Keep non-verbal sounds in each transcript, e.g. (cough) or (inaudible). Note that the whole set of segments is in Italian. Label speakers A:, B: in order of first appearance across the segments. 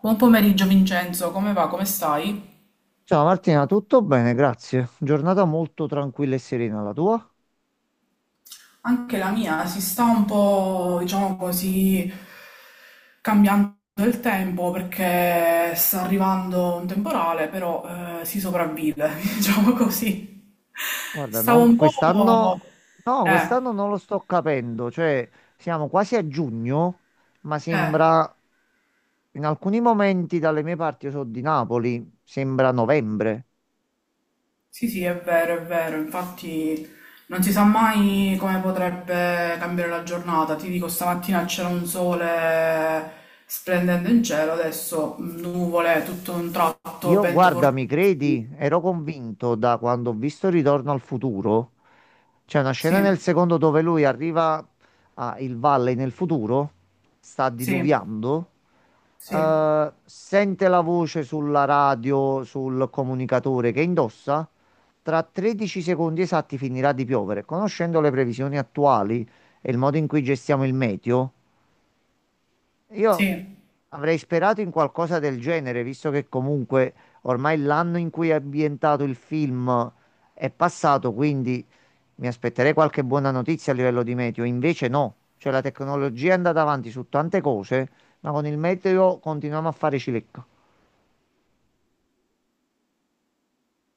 A: Buon pomeriggio Vincenzo, come va? Come stai?
B: Ciao Martina, tutto bene, grazie. Giornata molto tranquilla e serena la tua?
A: Anche la mia si sta un po', diciamo così, cambiando il tempo perché sta arrivando un temporale, però si sopravvive, (laughs) diciamo così.
B: Guarda,
A: Stavo un po'...
B: quest'anno no,
A: Eh,
B: quest'anno non lo sto capendo, cioè siamo quasi a giugno, ma
A: eh.
B: sembra in alcuni momenti dalle mie parti, io sono di Napoli, sembra novembre.
A: Sì, sì, è vero, è vero. Infatti non si sa mai come potrebbe cambiare la giornata. Ti dico, stamattina c'era un sole splendente in cielo, adesso nuvole, tutto un tratto,
B: Io,
A: vento
B: guarda, mi credi?
A: fortissimo.
B: Ero convinto da quando ho visto Ritorno al futuro. C'è una scena nel
A: Sì,
B: secondo dove lui arriva a Il Valle nel futuro, sta
A: sì,
B: diluviando,
A: sì,
B: sente la voce sulla radio, sul comunicatore che indossa. Tra 13 secondi esatti finirà di piovere. Conoscendo le previsioni attuali e il modo in cui gestiamo il meteo. Io
A: sì.
B: avrei sperato in qualcosa del genere, visto che comunque ormai l'anno in cui è ambientato il film è passato, quindi mi aspetterei qualche buona notizia a livello di meteo. Invece no, cioè la tecnologia è andata avanti su tante cose, ma con il meteo continuiamo a fare cilecca.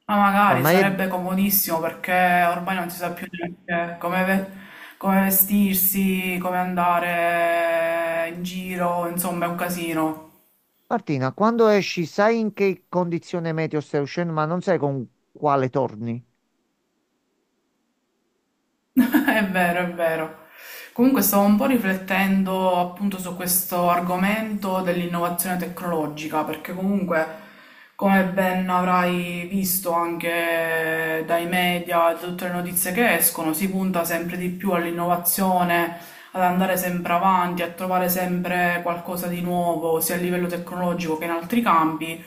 A: Ma magari
B: Ormai è...
A: sarebbe comodissimo perché ormai non si sa più neanche come, come vestirsi, come andare in giro, insomma, è un casino.
B: Martina, quando esci sai in che condizione meteo stai uscendo, ma non sai con quale torni.
A: (laughs) È vero, è vero. Comunque stavo un po' riflettendo appunto su questo argomento dell'innovazione tecnologica, perché comunque, come ben avrai visto anche dai media, da tutte le notizie che escono, si punta sempre di più all'innovazione, ad andare sempre avanti, a trovare sempre qualcosa di nuovo, sia a livello tecnologico che in altri campi.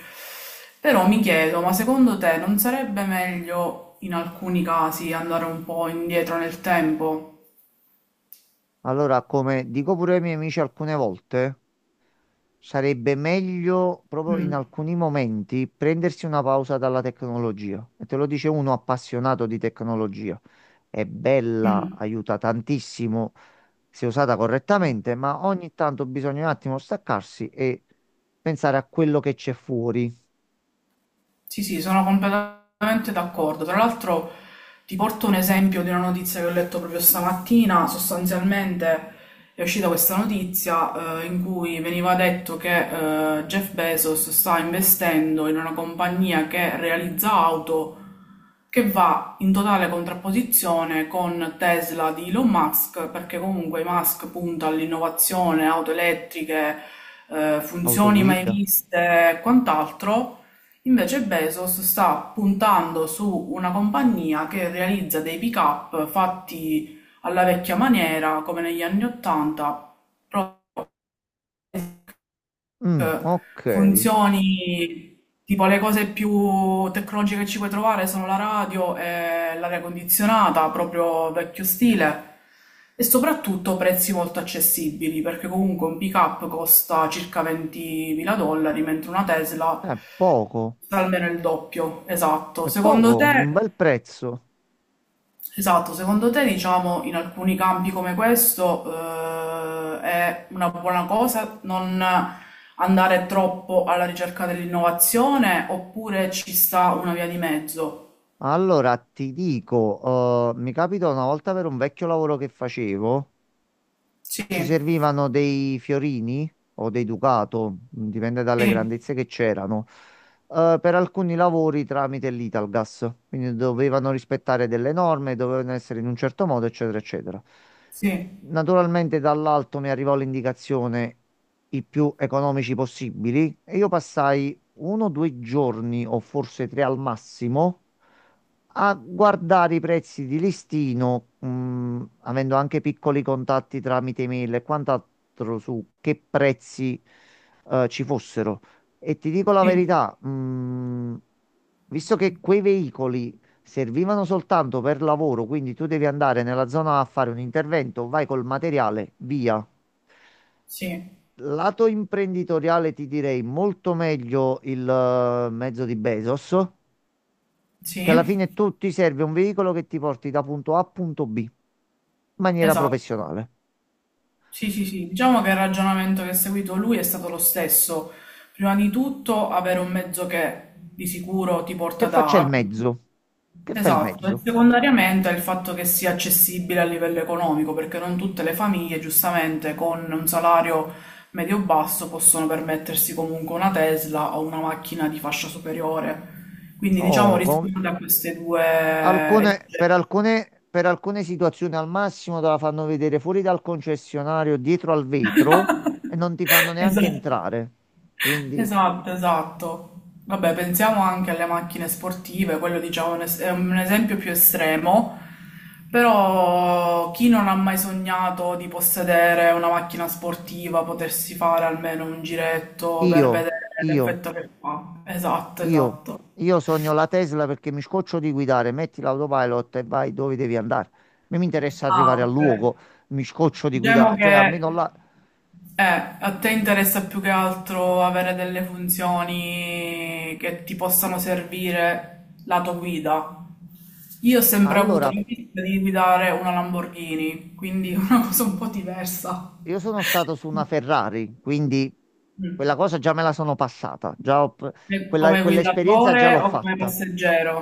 A: Però mi chiedo, ma secondo te non sarebbe meglio in alcuni casi andare un po' indietro nel tempo?
B: Allora, come dico pure ai miei amici alcune volte, sarebbe meglio proprio in
A: Mm,
B: alcuni momenti prendersi una pausa dalla tecnologia. E te lo dice uno appassionato di tecnologia. È bella,
A: mm.
B: aiuta tantissimo se usata correttamente, ma ogni tanto bisogna un attimo staccarsi e pensare a quello che c'è fuori.
A: Sì, sì, sono completamente d'accordo. Tra l'altro ti porto un esempio di una notizia che ho letto proprio stamattina. Sostanzialmente è uscita questa notizia in cui veniva detto che Jeff Bezos sta investendo in una compagnia che realizza auto che va in totale contrapposizione con Tesla di Elon Musk, perché comunque Musk punta all'innovazione, auto elettriche, funzioni mai
B: Autoguida.
A: viste e quant'altro. Invece Bezos sta puntando su una compagnia che realizza dei pick-up fatti alla vecchia maniera, come negli anni Ottanta.
B: Mm, ok,
A: Funzioni, tipo le cose più tecnologiche che ci puoi trovare sono la radio e l'aria condizionata, proprio vecchio stile, e soprattutto prezzi molto accessibili, perché comunque un pick-up costa circa 20.000 dollari, mentre una Tesla
B: è poco,
A: costa almeno il doppio. Esatto.
B: è
A: Secondo
B: poco, un
A: te
B: bel prezzo.
A: esatto, secondo te, diciamo, in alcuni campi come questo, è una buona cosa non andare troppo alla ricerca dell'innovazione oppure ci sta una via di mezzo?
B: Allora ti dico, mi capita una volta per un vecchio lavoro che facevo.
A: Sì,
B: Ci servivano dei fiorini o dei Ducato, dipende dalle
A: sì,
B: grandezze che c'erano, per alcuni lavori tramite l'Italgas. Quindi dovevano rispettare delle norme, dovevano essere in un certo modo, eccetera, eccetera.
A: sì,
B: Naturalmente dall'alto mi arrivò l'indicazione i più economici possibili e io passai uno o due giorni o forse tre al massimo a guardare i prezzi di listino, avendo anche piccoli contatti tramite email e quant'altro su che prezzi ci fossero. E ti dico la
A: sì,
B: verità, visto che quei veicoli servivano soltanto per lavoro, quindi tu devi andare nella zona a fare un intervento, vai col materiale, via.
A: sì,
B: Lato imprenditoriale ti direi molto meglio il mezzo di Bezos, che alla
A: sì,
B: fine tu ti serve un veicolo che ti porti da punto A a punto B in maniera
A: esatto.
B: professionale.
A: Sì, sì, sì. Diciamo che il ragionamento che ha seguito lui è stato lo stesso. Prima di tutto, avere un mezzo che di sicuro ti
B: Che
A: porta
B: faccia
A: da
B: il
A: A.
B: mezzo? Che fa il
A: Esatto, e
B: mezzo?
A: secondariamente è il fatto che sia accessibile a livello economico, perché non tutte le famiglie, giustamente, con un salario medio-basso possono permettersi comunque una Tesla o una macchina di fascia superiore. Quindi, diciamo,
B: No, co-
A: risponde a queste due...
B: Alcune, per alcune situazioni al massimo te la fanno vedere fuori dal concessionario, dietro al vetro e non ti fanno
A: (laughs)
B: neanche
A: Esatto.
B: entrare. Quindi
A: Esatto, esatto. Vabbè, pensiamo anche alle macchine sportive, quello diciamo è un è un esempio più estremo, però chi non ha mai sognato di possedere una macchina sportiva, potersi fare almeno un giretto per
B: io,
A: vedere
B: io,
A: l'effetto che fa. Esatto,
B: io,
A: esatto.
B: io sogno la Tesla perché mi scoccio di guidare, metti l'autopilot e vai dove devi andare. Non mi interessa
A: Ah,
B: arrivare al
A: ok.
B: luogo, mi scoccio di
A: Diciamo
B: guidare, cioè
A: che
B: almeno là.
A: eh, a te interessa più che altro avere delle funzioni che ti possano servire lato guida. Io ho sempre avuto
B: Allora,
A: l'ambizione di guidare una Lamborghini, quindi (laughs) una cosa un po' diversa.
B: io sono stato su una Ferrari, quindi quella
A: Mm.
B: cosa già me la sono passata,
A: E come
B: quell'esperienza
A: guidatore
B: già l'ho
A: o come
B: fatta.
A: passeggero?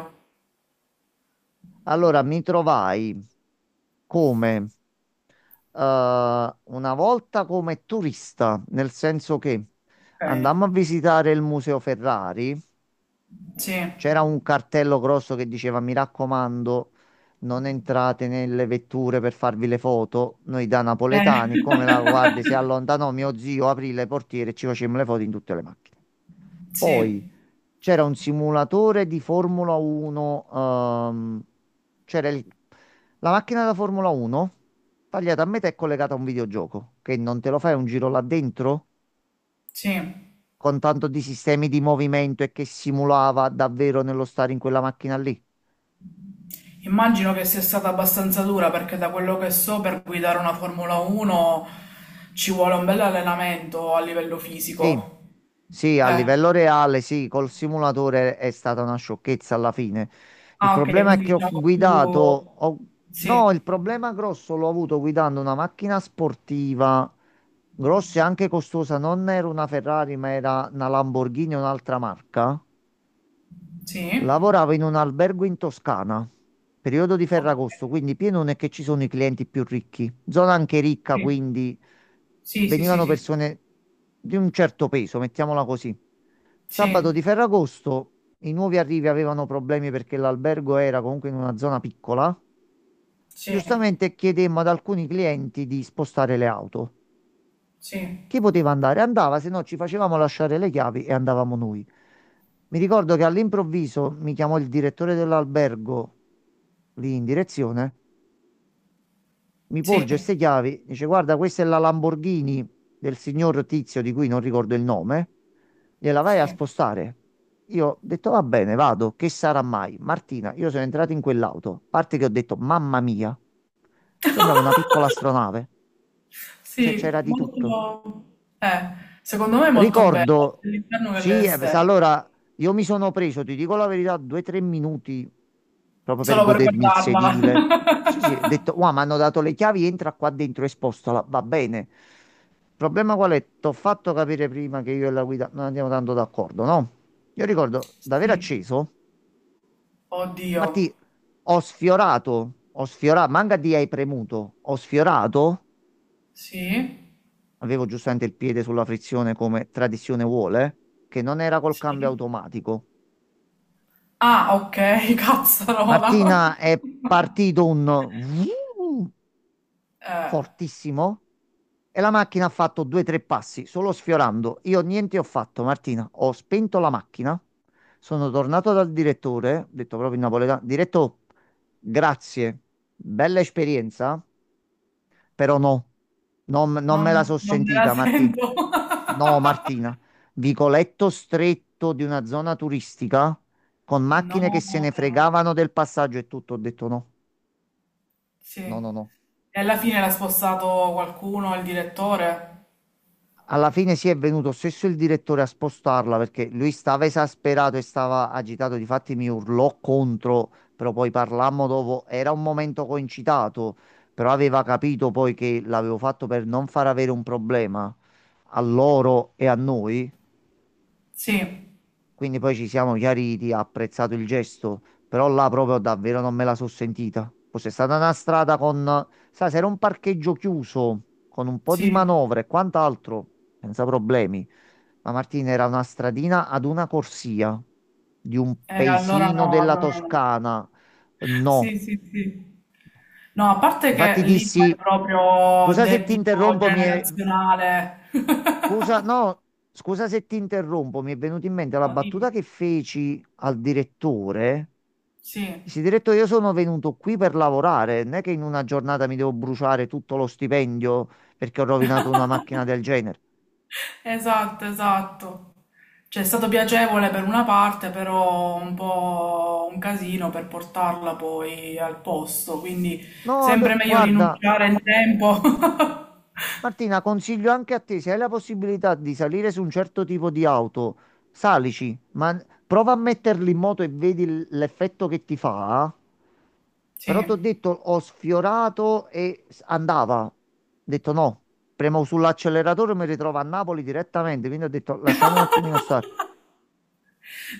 B: Allora, mi trovai come una volta come turista, nel senso che
A: Ok,
B: andammo a visitare il Museo Ferrari,
A: sì.
B: c'era un cartello grosso che diceva: Mi raccomando, non entrate nelle vetture per farvi le foto. Noi da
A: Eh.
B: napoletani, come la guardia si
A: (laughs)
B: allontanò, mio zio aprì le portiere e ci facemmo le foto in tutte le macchine. Poi
A: Sì,
B: c'era un simulatore di Formula 1, c'era il- la macchina da Formula 1 tagliata a metà e collegata a un videogioco, che non te lo fai un giro là dentro
A: sì.
B: con tanto di sistemi di movimento e che simulava davvero nello stare in quella macchina lì.
A: Immagino che sia stata abbastanza dura perché da quello che so per guidare una Formula 1 ci vuole un bel allenamento a livello
B: Sì,
A: fisico.
B: sì, a
A: Eh.
B: livello reale, sì, col simulatore è stata una sciocchezza alla fine. Il
A: Ah, ok,
B: problema è che
A: quindi
B: ho
A: diciamo
B: guidato,
A: più...
B: ho-
A: Sì,
B: no, il problema grosso l'ho avuto guidando una macchina sportiva, grossa e anche costosa, non era una Ferrari, ma era una Lamborghini, un'altra marca.
A: sì.
B: Lavoravo in un albergo in Toscana, periodo di
A: Ok,
B: Ferragosto, quindi pieno non è che ci sono i clienti più ricchi, zona anche ricca, quindi
A: sì, sì, sì, sì,
B: venivano
A: sì.
B: persone di un certo peso, mettiamola così.
A: Sì,
B: Sabato di Ferragosto i nuovi arrivi avevano problemi perché l'albergo era comunque in una zona piccola.
A: sì,
B: Giustamente chiedemmo ad alcuni clienti di spostare le auto.
A: sì,
B: Chi poteva andare? Andava, se no ci facevamo lasciare le chiavi e andavamo noi. Mi ricordo che all'improvviso mi chiamò il direttore dell'albergo lì in direzione, mi
A: sì,
B: porge queste chiavi, dice guarda, questa è la Lamborghini del signor Tizio di cui non ricordo il nome, gliela vai a
A: sì.
B: spostare. Io ho detto va bene, vado, che sarà mai? Martina, io sono entrato in quell'auto, a parte che ho detto mamma mia, sembrava una piccola
A: (laughs)
B: astronave, cioè
A: Sì,
B: c'era di tutto.
A: molto... Eh, secondo me è molto bella,
B: Ricordo,
A: sia l'interno che
B: sì, sa,
A: l'esterno.
B: allora io mi sono preso, ti dico la verità, due o tre minuti proprio per
A: Solo per
B: godermi il
A: guardarla.
B: sedile.
A: (laughs)
B: Sì, sì, ho detto, wow, mi hanno dato le chiavi, entra qua dentro e spostala, va bene. Il problema qual è? T'ho fatto capire prima che io e la guida non andiamo tanto d'accordo, no? Io ricordo d'aver
A: Sì,
B: acceso,
A: oddio.
B: Martì, manca di hai premuto, ho sfiorato,
A: Sì,
B: avevo giustamente il piede sulla frizione come tradizione vuole, che non era col cambio
A: sì.
B: automatico.
A: Ah, ok, (laughs) cazzarola.
B: Martina è partito un vroom
A: Eh,
B: fortissimo e la macchina ha fatto due o tre passi, solo sfiorando. Io niente ho fatto, Martina. Ho spento la macchina. Sono tornato dal direttore, ho detto proprio in napoletano, diretto, grazie, bella esperienza, però no, non
A: non,
B: me la so
A: non me la
B: sentita, Martina.
A: sento.
B: No,
A: (laughs)
B: Martina, vicoletto stretto di una zona turistica con
A: No,
B: macchine che se
A: no,
B: ne
A: no, no.
B: fregavano del passaggio e tutto, ho detto no.
A: Sì.
B: No, no, no.
A: E alla fine l'ha spostato qualcuno, il direttore?
B: Alla fine si è venuto stesso il direttore a spostarla perché lui stava esasperato e stava agitato. Difatti mi urlò contro, però poi parlammo dopo. Era un momento concitato, però aveva capito poi che l'avevo fatto per non far avere un problema a loro e a noi.
A: Sì,
B: Quindi poi ci siamo chiariti, ha apprezzato il gesto, però là proprio davvero non me la sono sentita. Fosse stata una strada con, sai, se era un parcheggio chiuso, con un po' di
A: sì,
B: manovre e quant'altro, senza problemi. Ma Martina era una stradina ad una corsia di un
A: allora
B: paesino
A: no,
B: della
A: allora no.
B: Toscana.
A: Sì,
B: No.
A: sì, sì. No, a parte
B: Infatti
A: che lì è
B: dissi,
A: proprio
B: scusa se ti
A: debito
B: interrompo, mi è...
A: generazionale. (laughs)
B: Scusa, no, scusa se ti interrompo, mi è venuta in mente la
A: No,
B: battuta
A: dimmi.
B: che feci al direttore.
A: Sì.
B: Dici, diretto, io sono venuto qui per lavorare, non è che in una giornata mi devo bruciare tutto lo stipendio perché ho rovinato una macchina
A: (laughs)
B: del genere.
A: Esatto, esatto. Cioè, è stato piacevole per una parte, però un po' un casino per portarla poi al posto, quindi
B: No, d-
A: sempre meglio
B: guarda,
A: rinunciare in tempo.
B: Martina, consiglio anche a te, se hai la possibilità di salire su un certo tipo di auto, salici, ma prova a metterli in moto e vedi l'effetto che ti fa.
A: (laughs)
B: Però ti
A: Sì.
B: ho detto, ho sfiorato e andava. Ho detto no, premo sull'acceleratore e mi ritrovo a Napoli direttamente, quindi ho detto lasciamo un attimino stare.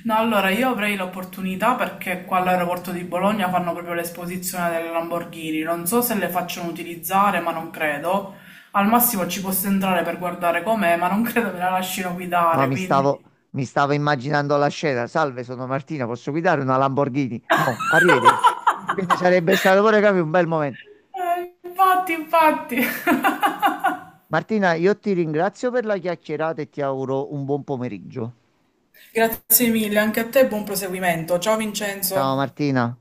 A: No, allora io avrei l'opportunità perché qua all'aeroporto di Bologna fanno proprio l'esposizione delle Lamborghini. Non so se le facciano utilizzare, ma non credo. Al massimo ci posso entrare per guardare com'è, ma non (laughs) credo me la lasciano
B: No,
A: guidare, quindi...
B: mi stavo immaginando la scena. Salve, sono Martina, posso guidare una Lamborghini? No, arrivederci. Quindi sarebbe stato pure capi, un bel momento.
A: Infatti, infatti. (laughs)
B: Martina, io ti ringrazio per la chiacchierata e ti auguro un buon pomeriggio.
A: Grazie mille, anche a te buon proseguimento. Ciao
B: Ciao
A: Vincenzo.
B: Martina.